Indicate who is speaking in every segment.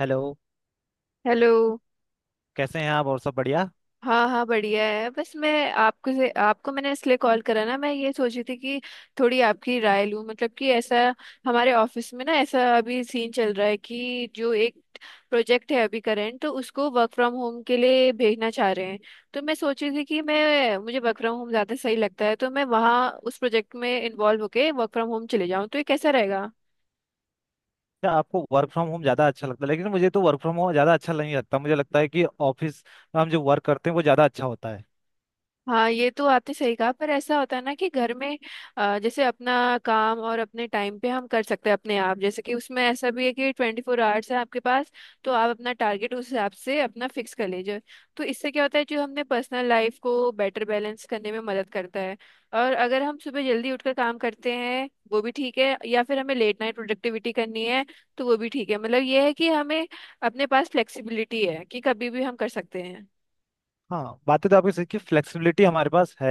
Speaker 1: Hello.
Speaker 2: Hello.
Speaker 1: कैसे हैं आप? और सब बढ़िया?
Speaker 2: हाँ हाँ बढ़िया है। बस मैं आपको मैंने इसलिए कॉल करा ना, मैं ये सोची थी कि थोड़ी आपकी राय लूँ। मतलब कि ऐसा हमारे ऑफिस में ना, ऐसा अभी सीन चल रहा है कि जो एक प्रोजेक्ट है अभी करंट, तो उसको वर्क फ्रॉम होम के लिए भेजना चाह रहे हैं। तो मैं सोची थी कि मैं मुझे वर्क फ्रॉम होम ज़्यादा सही लगता है, तो मैं वहाँ उस प्रोजेक्ट में इन्वॉल्व होके वर्क फ्रॉम होम चले जाऊँ, तो ये कैसा रहेगा?
Speaker 1: क्या आपको वर्क फ्रॉम होम ज़्यादा अच्छा लगता है? लेकिन मुझे तो वर्क फ्रॉम होम ज़्यादा अच्छा नहीं लगता। मुझे लगता है कि ऑफिस में हम जो वर्क करते हैं वो ज़्यादा अच्छा होता है।
Speaker 2: हाँ, ये तो आपने सही कहा, पर ऐसा होता है ना कि घर में जैसे अपना काम और अपने टाइम पे हम कर सकते हैं अपने आप। जैसे कि उसमें ऐसा भी है कि 24 आवर्स है आपके पास, तो आप अपना टारगेट उस हिसाब से अपना फिक्स कर लीजिए। तो इससे क्या होता है, जो हमने पर्सनल लाइफ को बेटर बैलेंस करने में मदद करता है। और अगर हम सुबह जल्दी उठकर काम करते हैं वो भी ठीक है, या फिर हमें लेट नाइट प्रोडक्टिविटी करनी है तो वो भी ठीक है। मतलब ये है कि हमें अपने पास फ्लेक्सिबिलिटी है कि कभी भी हम कर सकते हैं।
Speaker 1: हाँ, बातें तो आपकी सही कि फ्लेक्सिबिलिटी हमारे पास है।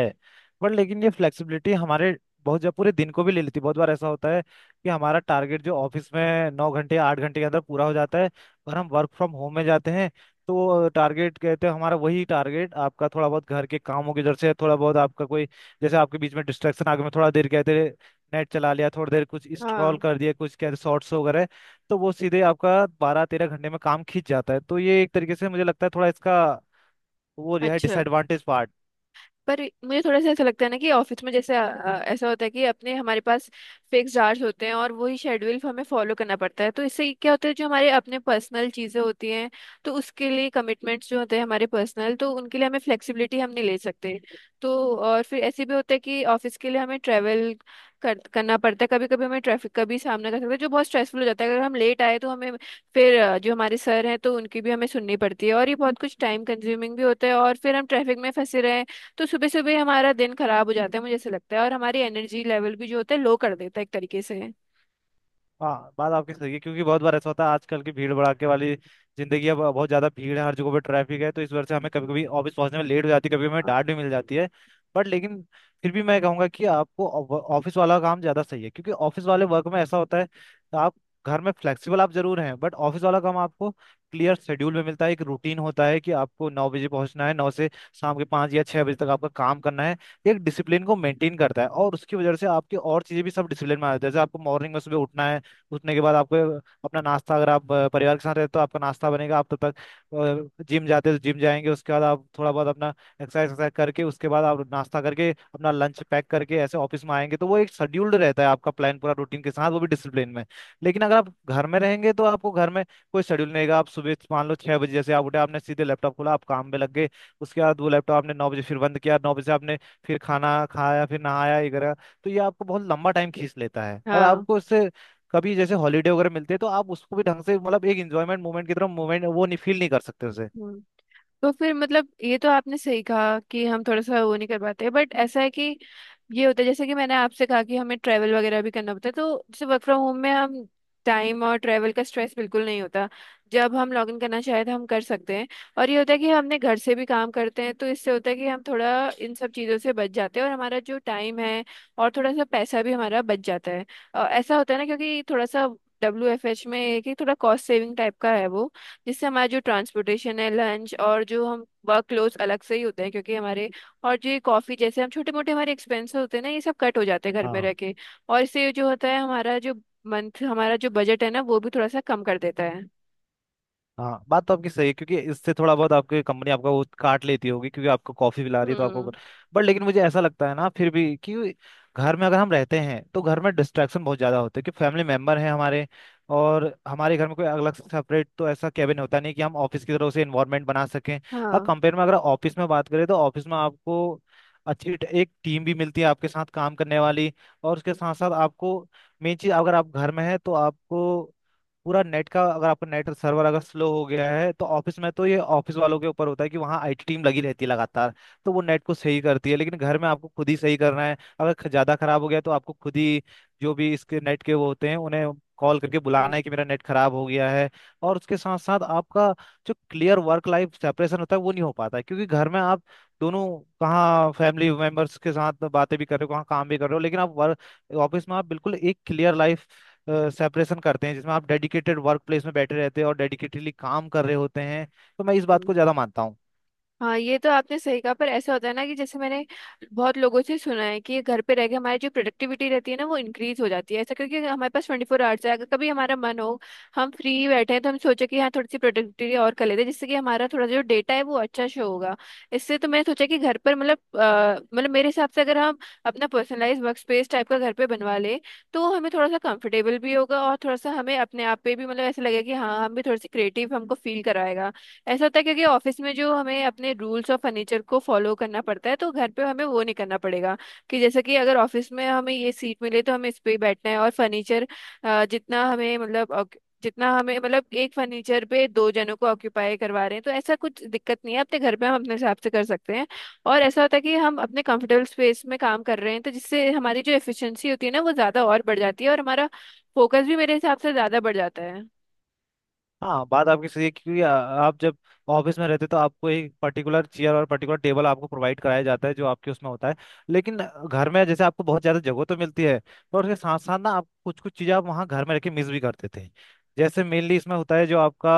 Speaker 1: बट लेकिन ये फ्लेक्सिबिलिटी हमारे बहुत जब पूरे दिन को भी ले लेती है। बहुत बार ऐसा होता है कि हमारा टारगेट जो ऑफिस में 9 घंटे 8 घंटे के अंदर पूरा हो जाता है, और हम वर्क फ्रॉम होम में जाते हैं तो टारगेट कहते हैं हमारा वही टारगेट आपका थोड़ा बहुत घर के कामों की वजह से, थोड़ा बहुत आपका कोई जैसे आपके बीच में डिस्ट्रैक्शन आ गया, मैं थोड़ा देर कहते हैं नेट चला लिया थोड़ी देर, कुछ स्क्रॉल
Speaker 2: हाँ।
Speaker 1: कर दिया, कुछ कहते शॉर्ट्स वगैरह, तो वो सीधे आपका 12-13 घंटे में काम खींच जाता है। तो ये एक तरीके से मुझे लगता है थोड़ा इसका तो वो जो है
Speaker 2: अच्छा।
Speaker 1: Disadvantage part.
Speaker 2: पर मुझे थोड़ा सा ऐसा लगता है ना कि ऑफिस में जैसे ऐसा होता है कि अपने हमारे पास फिक्स आवर्स होते हैं और वही शेड्यूल हमें फॉलो करना पड़ता है। तो इससे क्या होता है, जो हमारे अपने पर्सनल चीज़ें होती हैं तो उसके लिए कमिटमेंट्स जो होते हैं हमारे पर्सनल, तो उनके लिए हमें फ्लेक्सिबिलिटी हम नहीं ले सकते। तो और फिर ऐसे भी होता है कि ऑफिस के लिए हमें ट्रैवल करना पड़ता है। कभी कभी हमें ट्रैफिक का भी सामना कर सकते हैं जो बहुत स्ट्रेसफुल हो जाता है अगर हम लेट आए, तो हमें फिर जो हमारे सर हैं तो उनकी भी हमें सुननी पड़ती है, और ये बहुत कुछ टाइम कंज्यूमिंग भी होता है। और फिर हम ट्रैफिक में फंसे रहे, तो सुबह सुबह हमारा दिन खराब हो जाता है, मुझे ऐसा लगता है। और हमारी एनर्जी लेवल भी जो होता है लो कर देता है एक तरीके से।
Speaker 1: हाँ, बात आपकी सही है क्योंकि बहुत बार ऐसा होता है आजकल की भीड़ भड़ाके वाली जिंदगी है, बहुत ज्यादा भीड़ है हर जगह पे ट्रैफिक है, तो इस वजह से हमें कभी
Speaker 2: हम्म,
Speaker 1: कभी ऑफिस पहुंचने में लेट हो जाती है, कभी हमें
Speaker 2: हाँ।
Speaker 1: डांट भी मिल जाती है। बट लेकिन फिर भी मैं कहूंगा कि आपको ऑफिस वाला काम ज्यादा सही है, क्योंकि ऑफिस वाले वर्क में ऐसा होता है तो आप घर में फ्लेक्सिबल आप जरूर हैं, बट ऑफिस वाला काम आपको क्लियर शेड्यूल में मिलता है। एक रूटीन होता है कि आपको 9 बजे पहुंचना है, नौ से शाम के 5 या 6 बजे तक आपका काम करना है। एक डिसिप्लिन को मेंटेन करता है और उसकी वजह से आपकी और चीजें भी सब डिसिप्लिन में आ जाती है। जैसे आपको मॉर्निंग में सुबह उठना है, उठने के बाद आपको अपना नाश्ता, अगर आप परिवार के साथ रहते हो तो आपका नाश्ता बनेगा, आप तब तक जिम जाते हो तो जिम जाएंगे, उसके बाद आप थोड़ा बहुत अपना एक्सरसाइज एक्सरसाइज करके, उसके बाद आप नाश्ता करके अपना लंच पैक करके ऐसे ऑफिस में आएंगे, तो वो एक शेड्यूल्ड रहता है, आपका प्लान पूरा रूटीन के साथ वो भी डिसिप्लिन में। लेकिन अगर आप घर में रहेंगे तो आपको घर में कोई शेड्यूल नहीं रहेगा। आप सुबह मान लो 6 बजे जैसे आप उठे आपने सीधे लैपटॉप खोला, आप काम में लग गए, उसके बाद वो लैपटॉप आपने 9 बजे फिर बंद किया, 9 बजे आपने फिर खाना खाया फिर नहाया ये करा, तो ये आपको बहुत लंबा टाइम खींच लेता है। और
Speaker 2: हाँ।
Speaker 1: आपको इससे कभी जैसे हॉलीडे वगैरह मिलते हैं तो आप उसको भी ढंग से, मतलब एक एंजॉयमेंट मोमेंट की तरह मोमेंट वो नहीं फील नहीं कर सकते उसे।
Speaker 2: हम्म। तो फिर मतलब ये तो आपने सही कहा कि हम थोड़ा सा वो नहीं कर पाते, बट ऐसा है कि ये होता है जैसे कि मैंने आपसे कहा कि हमें ट्रैवल वगैरह भी करना होता है। तो जैसे वर्क फ्रॉम होम में हम टाइम और ट्रैवल का स्ट्रेस बिल्कुल नहीं होता। जब हम लॉग इन करना चाहे तो हम कर सकते हैं। और ये होता है कि हमने घर से भी काम करते हैं तो इससे होता है कि हम थोड़ा इन सब चीज़ों से बच जाते हैं, और हमारा जो टाइम है और थोड़ा सा पैसा भी हमारा बच जाता है। ऐसा होता है ना क्योंकि थोड़ा सा WFH में एक ही थोड़ा कॉस्ट सेविंग टाइप का है, वो जिससे हमारा जो ट्रांसपोर्टेशन है, लंच, और जो हम वर्क क्लोथ अलग से ही होते हैं क्योंकि हमारे, और जो ये कॉफ़ी जैसे हम छोटे मोटे हमारे एक्सपेंसेस होते हैं ना, ये सब कट हो जाते हैं घर में रह
Speaker 1: हाँ,
Speaker 2: के। और इससे जो होता है हमारा जो मंथ, हमारा जो बजट है ना, वो भी थोड़ा सा कम कर देता है।
Speaker 1: हाँ, बात तो आपकी सही है क्योंकि इससे थोड़ा बहुत आपकी कंपनी आपका वो काट लेती होगी क्योंकि आपको कॉफी पिला रही है तो आपको।
Speaker 2: हम्म।
Speaker 1: बट लेकिन मुझे ऐसा लगता है ना फिर भी कि घर में अगर हम रहते हैं तो घर में डिस्ट्रैक्शन बहुत ज्यादा होते हैं, कि फैमिली मेंबर हैं हमारे, और हमारे घर में कोई अलग से सेपरेट तो ऐसा कैबिन होता नहीं कि हम ऑफिस की तरह से इन्वायरमेंट बना सकें। और
Speaker 2: हाँ।
Speaker 1: कंपेयर में अगर ऑफिस में बात करें तो ऑफिस में आपको अच्छी एक टीम भी मिलती है आपके साथ काम करने वाली, और उसके साथ साथ आपको मेन चीज अगर आप घर में है तो आपको पूरा नेट का अगर आपका नेट सर्वर अगर स्लो हो गया है तो ऑफिस में तो ये ऑफिस वालों के ऊपर होता है कि वहाँ आईटी टीम लगी रहती है लगातार, तो वो नेट को सही करती है। लेकिन घर में आपको खुद ही सही करना है, अगर ज्यादा खराब हो गया तो आपको खुद ही जो भी इसके नेट के वो होते हैं उन्हें कॉल करके
Speaker 2: हम्म।
Speaker 1: बुलाना है कि मेरा नेट खराब हो गया है। और उसके साथ साथ आपका जो क्लियर वर्क लाइफ सेपरेशन होता है वो नहीं हो पाता है, क्योंकि घर में आप दोनों कहाँ फैमिली मेंबर्स के साथ बातें भी कर रहे हो कहाँ काम भी कर रहे हो, लेकिन आप वर्क ऑफिस में आप बिल्कुल एक क्लियर लाइफ सेपरेशन करते हैं जिसमें आप डेडिकेटेड वर्क प्लेस में बैठे रहते हैं और डेडिकेटेडली काम कर रहे होते हैं। तो मैं इस बात
Speaker 2: हम्म।
Speaker 1: को ज़्यादा मानता हूँ।
Speaker 2: हाँ, ये तो आपने सही कहा पर ऐसा होता है ना कि जैसे मैंने बहुत लोगों से सुना है कि घर पे रह के हमारी जो प्रोडक्टिविटी रहती है ना वो इंक्रीज हो जाती है। ऐसा करके हमारे पास 24 आवर्स है, अगर कभी हमारा मन हो हम फ्री बैठे हैं, तो हम सोचे कि हाँ थोड़ी सी प्रोडक्टिविटी और कर लेते हैं, जिससे कि हमारा थोड़ा जो डेटा है वो अच्छा शो होगा। इससे तो मैंने सोचा कि घर पर मतलब मतलब मेरे हिसाब से अगर हम अपना पर्सनलाइज वर्क स्पेस टाइप का घर पे बनवा ले, तो हमें थोड़ा सा कंफर्टेबल भी होगा और थोड़ा सा हमें अपने आप पे भी मतलब ऐसा लगेगा कि हाँ हम भी थोड़ी सी क्रिएटिव, हमको फील कराएगा। ऐसा होता है क्योंकि ऑफिस में जो हमें अपने रूल्स और फर्नीचर को फॉलो करना पड़ता है तो घर पे हमें वो नहीं करना पड़ेगा। कि जैसे कि अगर ऑफिस में हमें ये सीट मिले तो हमें इस पे ही बैठना है, और फर्नीचर जितना हमें मतलब जितना हमें मतलब एक फर्नीचर पे दो जनों को ऑक्यूपाई करवा रहे हैं, तो ऐसा कुछ दिक्कत नहीं है अपने घर पे हम अपने हिसाब से कर सकते हैं। और ऐसा होता है कि हम अपने कंफर्टेबल स्पेस में काम कर रहे हैं, तो जिससे हमारी जो एफिशिएंसी होती है ना वो ज़्यादा और बढ़ जाती है और हमारा फोकस भी मेरे हिसाब से ज़्यादा बढ़ जाता है।
Speaker 1: हाँ, बात आपकी सही है क्योंकि आप जब ऑफिस में रहते तो आपको एक पर्टिकुलर चेयर और पर्टिकुलर टेबल आपको प्रोवाइड कराया जाता है जो आपके उसमें होता है। लेकिन घर में जैसे आपको बहुत ज़्यादा जगह तो मिलती है, पर उसके साथ साथ ना आप कुछ कुछ चीज़ें आप वहाँ घर में रख के मिस भी करते थे, जैसे मेनली इसमें होता है जो आपका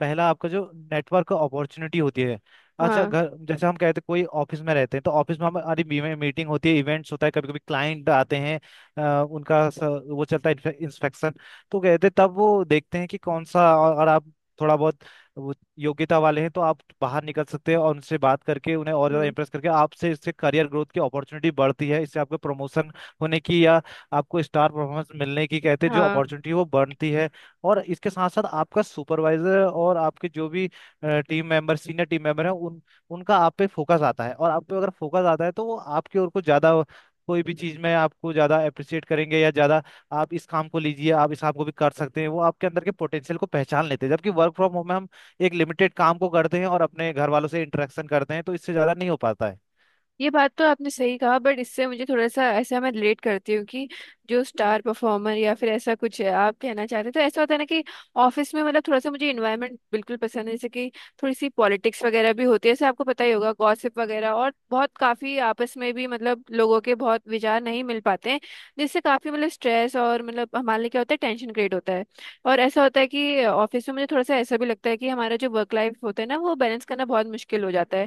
Speaker 1: पहला आपका जो नेटवर्क अपॉर्चुनिटी होती है। अच्छा
Speaker 2: हाँ।
Speaker 1: घर जैसे हम कहते हैं कोई ऑफिस में रहते हैं तो ऑफिस में हमारी मीटिंग होती है, इवेंट्स होता है, कभी कभी क्लाइंट आते हैं, उनका वो चलता है इंस्पेक्शन, तो कहते तब वो देखते हैं कि कौन सा अगर आप थोड़ा बहुत वो योग्यता वाले हैं तो आप बाहर निकल सकते हैं और उनसे बात करके उन्हें और ज़्यादा
Speaker 2: हम्म।
Speaker 1: इम्प्रेस करके आपसे इससे करियर ग्रोथ की अपॉर्चुनिटी बढ़ती है, इससे आपको प्रमोशन होने की या आपको स्टार परफॉर्मेंस मिलने की कहते हैं जो
Speaker 2: हाँ,
Speaker 1: अपॉर्चुनिटी वो बढ़ती है। और इसके साथ साथ आपका सुपरवाइजर और आपके जो भी team member senior team member हैं उन उनका आप पे फोकस आता है और आप पे अगर फोकस आता है तो वो आपकी ओर को ज़्यादा कोई भी चीज़ में आपको ज़्यादा अप्रिशिएट करेंगे या ज़्यादा आप इस काम को लीजिए आप इस काम को भी कर सकते हैं वो आपके अंदर के पोटेंशियल को पहचान लेते हैं। जबकि वर्क फ्रॉम होम में हम एक लिमिटेड काम को करते हैं और अपने घर वालों से इंटरेक्शन करते हैं तो इससे ज्यादा नहीं हो पाता है।
Speaker 2: ये बात तो आपने सही कहा, बट इससे मुझे थोड़ा सा ऐसा मैं रिलेट करती हूँ कि जो स्टार परफॉर्मर या फिर ऐसा कुछ है आप कहना चाहते हैं, तो ऐसा होता है ना कि ऑफिस में मतलब थोड़ा सा मुझे इन्वायरमेंट बिल्कुल पसंद है, जैसे कि थोड़ी सी पॉलिटिक्स वगैरह भी होती है, जैसे आपको पता ही होगा गॉसिप वगैरह, और बहुत काफी आपस में भी मतलब लोगों के बहुत विचार नहीं मिल पाते हैं, जिससे काफी मतलब स्ट्रेस और मतलब हमारे लिए क्या होता है टेंशन क्रिएट होता है। और ऐसा होता है कि ऑफिस में मुझे थोड़ा सा ऐसा भी लगता है कि हमारा जो वर्क लाइफ होता है ना वो बैलेंस करना बहुत मुश्किल हो जाता है।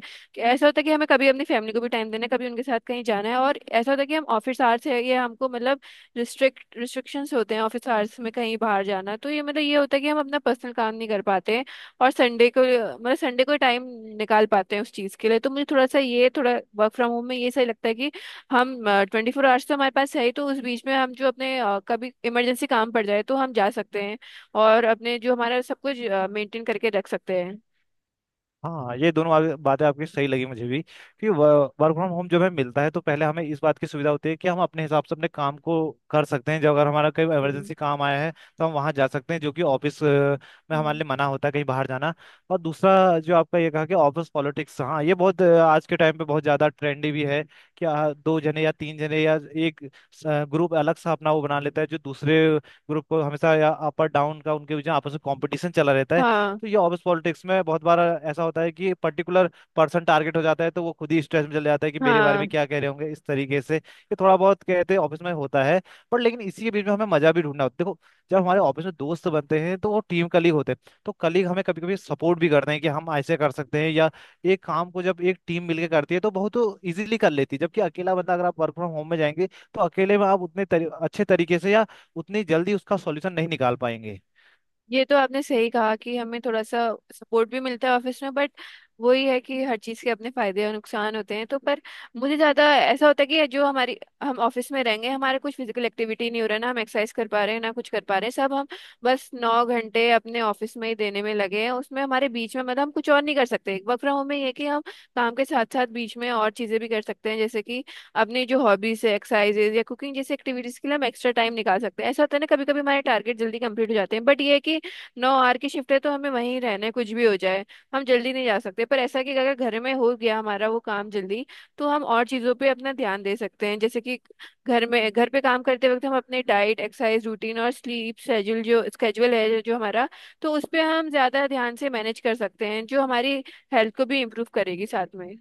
Speaker 2: ऐसा होता है कि हमें कभी अपनी फैमिली को भी टाइम देना है, कभी उनके साथ कहीं जाना है, और ऐसा होता है कि हम ऑफिस आवर्स है, ये हमको मतलब रिस्ट्रिक्ट रिस्ट्रिक्शंस होते हैं ऑफिस आवर्स में कहीं बाहर जाना, तो ये मतलब ये होता है कि हम अपना पर्सनल काम नहीं कर पाते हैं। और संडे को मतलब संडे को टाइम निकाल पाते हैं उस चीज़ के लिए। तो मुझे थोड़ा सा ये थोड़ा वर्क फ्रॉम होम में ये सही लगता है कि हम 24 आवर्स तो हमारे पास है ही, तो उस बीच में हम जो अपने कभी इमरजेंसी काम पड़ जाए तो हम जा सकते हैं और अपने जो हमारा सब कुछ मेंटेन करके रख सकते हैं।
Speaker 1: हाँ, ये दोनों बातें बातें आपकी सही लगी मुझे भी, कि वर्क फ्रॉम होम जब हमें मिलता है तो पहले हमें इस बात की सुविधा होती है कि हम अपने हिसाब से अपने काम को कर सकते हैं। जब अगर हमारा कोई
Speaker 2: हम्म।
Speaker 1: इमरजेंसी काम आया है तो हम वहाँ जा सकते हैं, जो कि ऑफिस में हमारे
Speaker 2: हम्म।
Speaker 1: लिए मना होता है कहीं बाहर जाना। और दूसरा जो आपका ये कहा कि ऑफिस पॉलिटिक्स, हाँ ये बहुत आज के टाइम पे बहुत ज़्यादा ट्रेंडी भी है, कि दो जने या तीन जने या एक ग्रुप अलग सा अपना वो बना लेता है जो दूसरे ग्रुप को हमेशा या अपर डाउन का उनके बीच में आपस में कॉम्पिटिशन चला रहता है।
Speaker 2: हाँ।
Speaker 1: तो ये ऑफिस पॉलिटिक्स में बहुत बार ऐसा होता है कि पर्टिकुलर पर्सन टारगेट हो जाता है, तो वो खुद ही स्ट्रेस में चले जाता है कि मेरे बारे
Speaker 2: हाँ,
Speaker 1: में क्या कह रहे होंगे, इस तरीके से ये थोड़ा बहुत कहते हैं ऑफिस में होता है। पर लेकिन इसी के बीच में हमें मजा भी ढूंढना होता है। देखो, जब हमारे ऑफिस में दोस्त बनते हैं तो वो टीम कलीग होते हैं, तो कलीग हमें कभी कभी सपोर्ट भी करते हैं, कि हम ऐसे कर सकते हैं या एक काम को जब एक टीम मिलकर करती है तो बहुत इजीली कर लेती है। जबकि अकेला बंदा अगर आप वर्क फ्रॉम होम में जाएंगे तो अकेले में आप उतने अच्छे तरीके से या उतनी जल्दी उसका सॉल्यूशन नहीं निकाल पाएंगे।
Speaker 2: ये तो आपने सही कहा कि हमें थोड़ा सा सपोर्ट भी मिलता है ऑफिस में, बट वही है कि हर चीज़ के अपने फायदे और नुकसान होते हैं। तो पर मुझे ज़्यादा ऐसा होता है कि जो हमारी, हम ऑफिस में रहेंगे हमारा कुछ फिजिकल एक्टिविटी नहीं हो रहा, ना हम एक्सरसाइज कर पा रहे हैं ना कुछ कर पा रहे हैं, सब हम बस 9 घंटे अपने ऑफिस में ही देने में लगे हैं, उसमें हमारे बीच में मतलब हम कुछ और नहीं कर सकते। वर्क फ्रॉम होम में ये है कि हम काम के साथ साथ बीच में और चीज़ें भी कर सकते हैं, जैसे कि अपनी जो हॉबीज है एक्सरसाइजेज या कुकिंग जैसी एक्टिविटीज़ के लिए हम एक्स्ट्रा टाइम निकाल सकते हैं। ऐसा होता है ना कभी कभी हमारे टारगेट जल्दी कंप्लीट हो जाते हैं, बट ये है कि 9 आर की शिफ्ट है तो हमें वहीं रहना है कुछ भी हो जाए, हम जल्दी नहीं जा सकते। पर ऐसा है कि अगर घर में हो गया हमारा वो काम जल्दी तो हम और चीज़ों पे अपना ध्यान दे सकते हैं। जैसे कि घर में, घर पे काम करते वक्त हम अपने डाइट एक्सरसाइज रूटीन और स्लीप शेड्यूल, जो स्केड्यूल है जो हमारा, तो उस पे हम ज़्यादा ध्यान से मैनेज कर सकते हैं, जो हमारी हेल्थ को भी इम्प्रूव करेगी साथ में।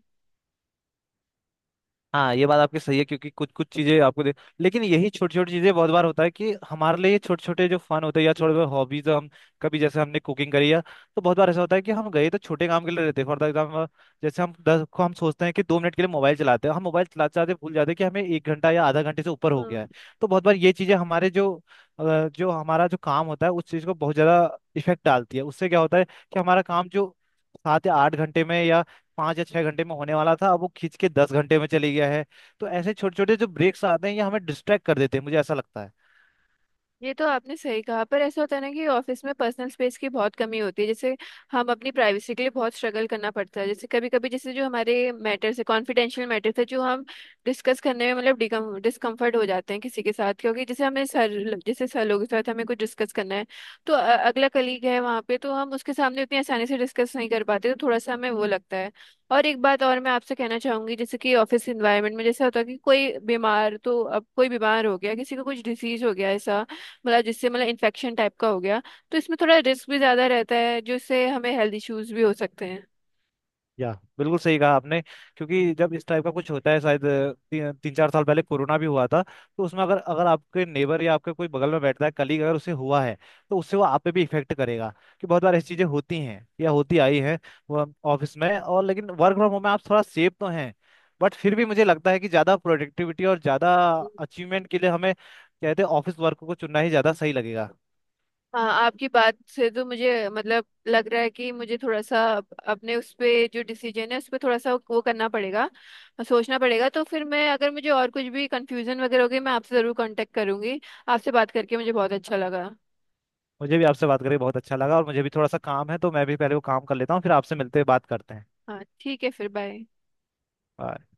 Speaker 1: हाँ, ये बात आपकी सही है क्योंकि कुछ कुछ चीजें आपको दे, लेकिन यही छोटी छोटी चीजें बहुत बार होता है कि हमारे लिए छोटे छोटे जो फन होते हैं या छोटे छोटे हॉबीज हम कभी जैसे हमने कुकिंग करी है, तो बहुत बार ऐसा होता है कि हम गए तो छोटे काम के लिए रहते हैं, फॉर एग्जाम्पल जैसे हम दस को हम सोचते हैं कि 2 मिनट के लिए मोबाइल चलाते हैं हम मोबाइल चलाते चलाते भूल जाते हैं कि हमें 1 घंटा या आधा घंटे से ऊपर हो गया है। तो बहुत बार ये चीजें हमारे जो जो हमारा जो काम होता है उस चीज को बहुत ज्यादा इफेक्ट डालती है। उससे क्या होता है कि हमारा काम जो 7 या 8 घंटे में या 5 या 6 घंटे में होने वाला था अब वो खींच के 10 घंटे में चले गया है। तो
Speaker 2: हम्म।
Speaker 1: ऐसे छोटे छोटे जो ब्रेक्स आते हैं ये हमें डिस्ट्रैक्ट कर देते हैं मुझे ऐसा लगता है।
Speaker 2: ये तो आपने सही कहा पर ऐसा होता है ना कि ऑफिस में पर्सनल स्पेस की बहुत कमी होती है, जैसे हम अपनी प्राइवेसी के लिए बहुत स्ट्रगल करना पड़ता है। जैसे कभी कभी जैसे जो हमारे मैटर्स है, कॉन्फिडेंशियल मैटर्स है, जो हम डिस्कस करने में मतलब डिकम डिस्कम्फर्ट हो जाते हैं किसी के साथ, क्योंकि जैसे हमें सर, जैसे सर लोगों के साथ हमें कुछ डिस्कस करना है तो अगला कलीग है वहाँ पे, तो हम उसके सामने उतनी आसानी से डिस्कस नहीं कर पाते, तो थोड़ा सा हमें वो लगता है। और एक बात और मैं आपसे कहना चाहूंगी, जैसे कि ऑफिस इन्वायरमेंट में जैसा होता है कि कोई बीमार, तो अब कोई बीमार हो गया, किसी को कुछ डिसीज हो गया, ऐसा मतलब जिससे मतलब इन्फेक्शन टाइप का हो गया, तो इसमें थोड़ा रिस्क भी ज्यादा रहता है जिससे हमें हेल्थ इश्यूज भी हो सकते हैं।
Speaker 1: या बिल्कुल सही कहा आपने, क्योंकि जब इस टाइप का कुछ होता है शायद 3-4 साल पहले कोरोना भी हुआ था, तो उसमें अगर अगर आपके नेबर या आपके कोई बगल में बैठता है कलीग अगर उसे हुआ है तो उससे वो आप पे भी इफेक्ट करेगा। कि बहुत बार ऐसी चीजें होती हैं या होती आई हैं वो ऑफिस में। और लेकिन वर्क फ्रॉम होम में आप थोड़ा सेफ तो हैं, बट फिर भी मुझे लगता है कि ज्यादा प्रोडक्टिविटी और ज्यादा अचीवमेंट के लिए हमें कहते हैं ऑफिस वर्क को चुनना ही ज्यादा सही लगेगा।
Speaker 2: हाँ, आपकी बात से तो मुझे मतलब लग रहा है कि मुझे थोड़ा सा अपने उस पे जो डिसीजन है उस पे थोड़ा सा वो करना पड़ेगा, सोचना पड़ेगा। तो फिर मैं अगर मुझे और कुछ भी कंफ्यूजन वगैरह होगी मैं आपसे जरूर कांटेक्ट करूंगी। आपसे बात करके मुझे बहुत अच्छा लगा।
Speaker 1: मुझे भी आपसे बात करके बहुत अच्छा लगा, और मुझे भी थोड़ा सा काम है तो मैं भी पहले वो काम कर लेता हूँ फिर आपसे मिलते बात करते हैं।
Speaker 2: हाँ ठीक है, फिर बाय।
Speaker 1: Bye.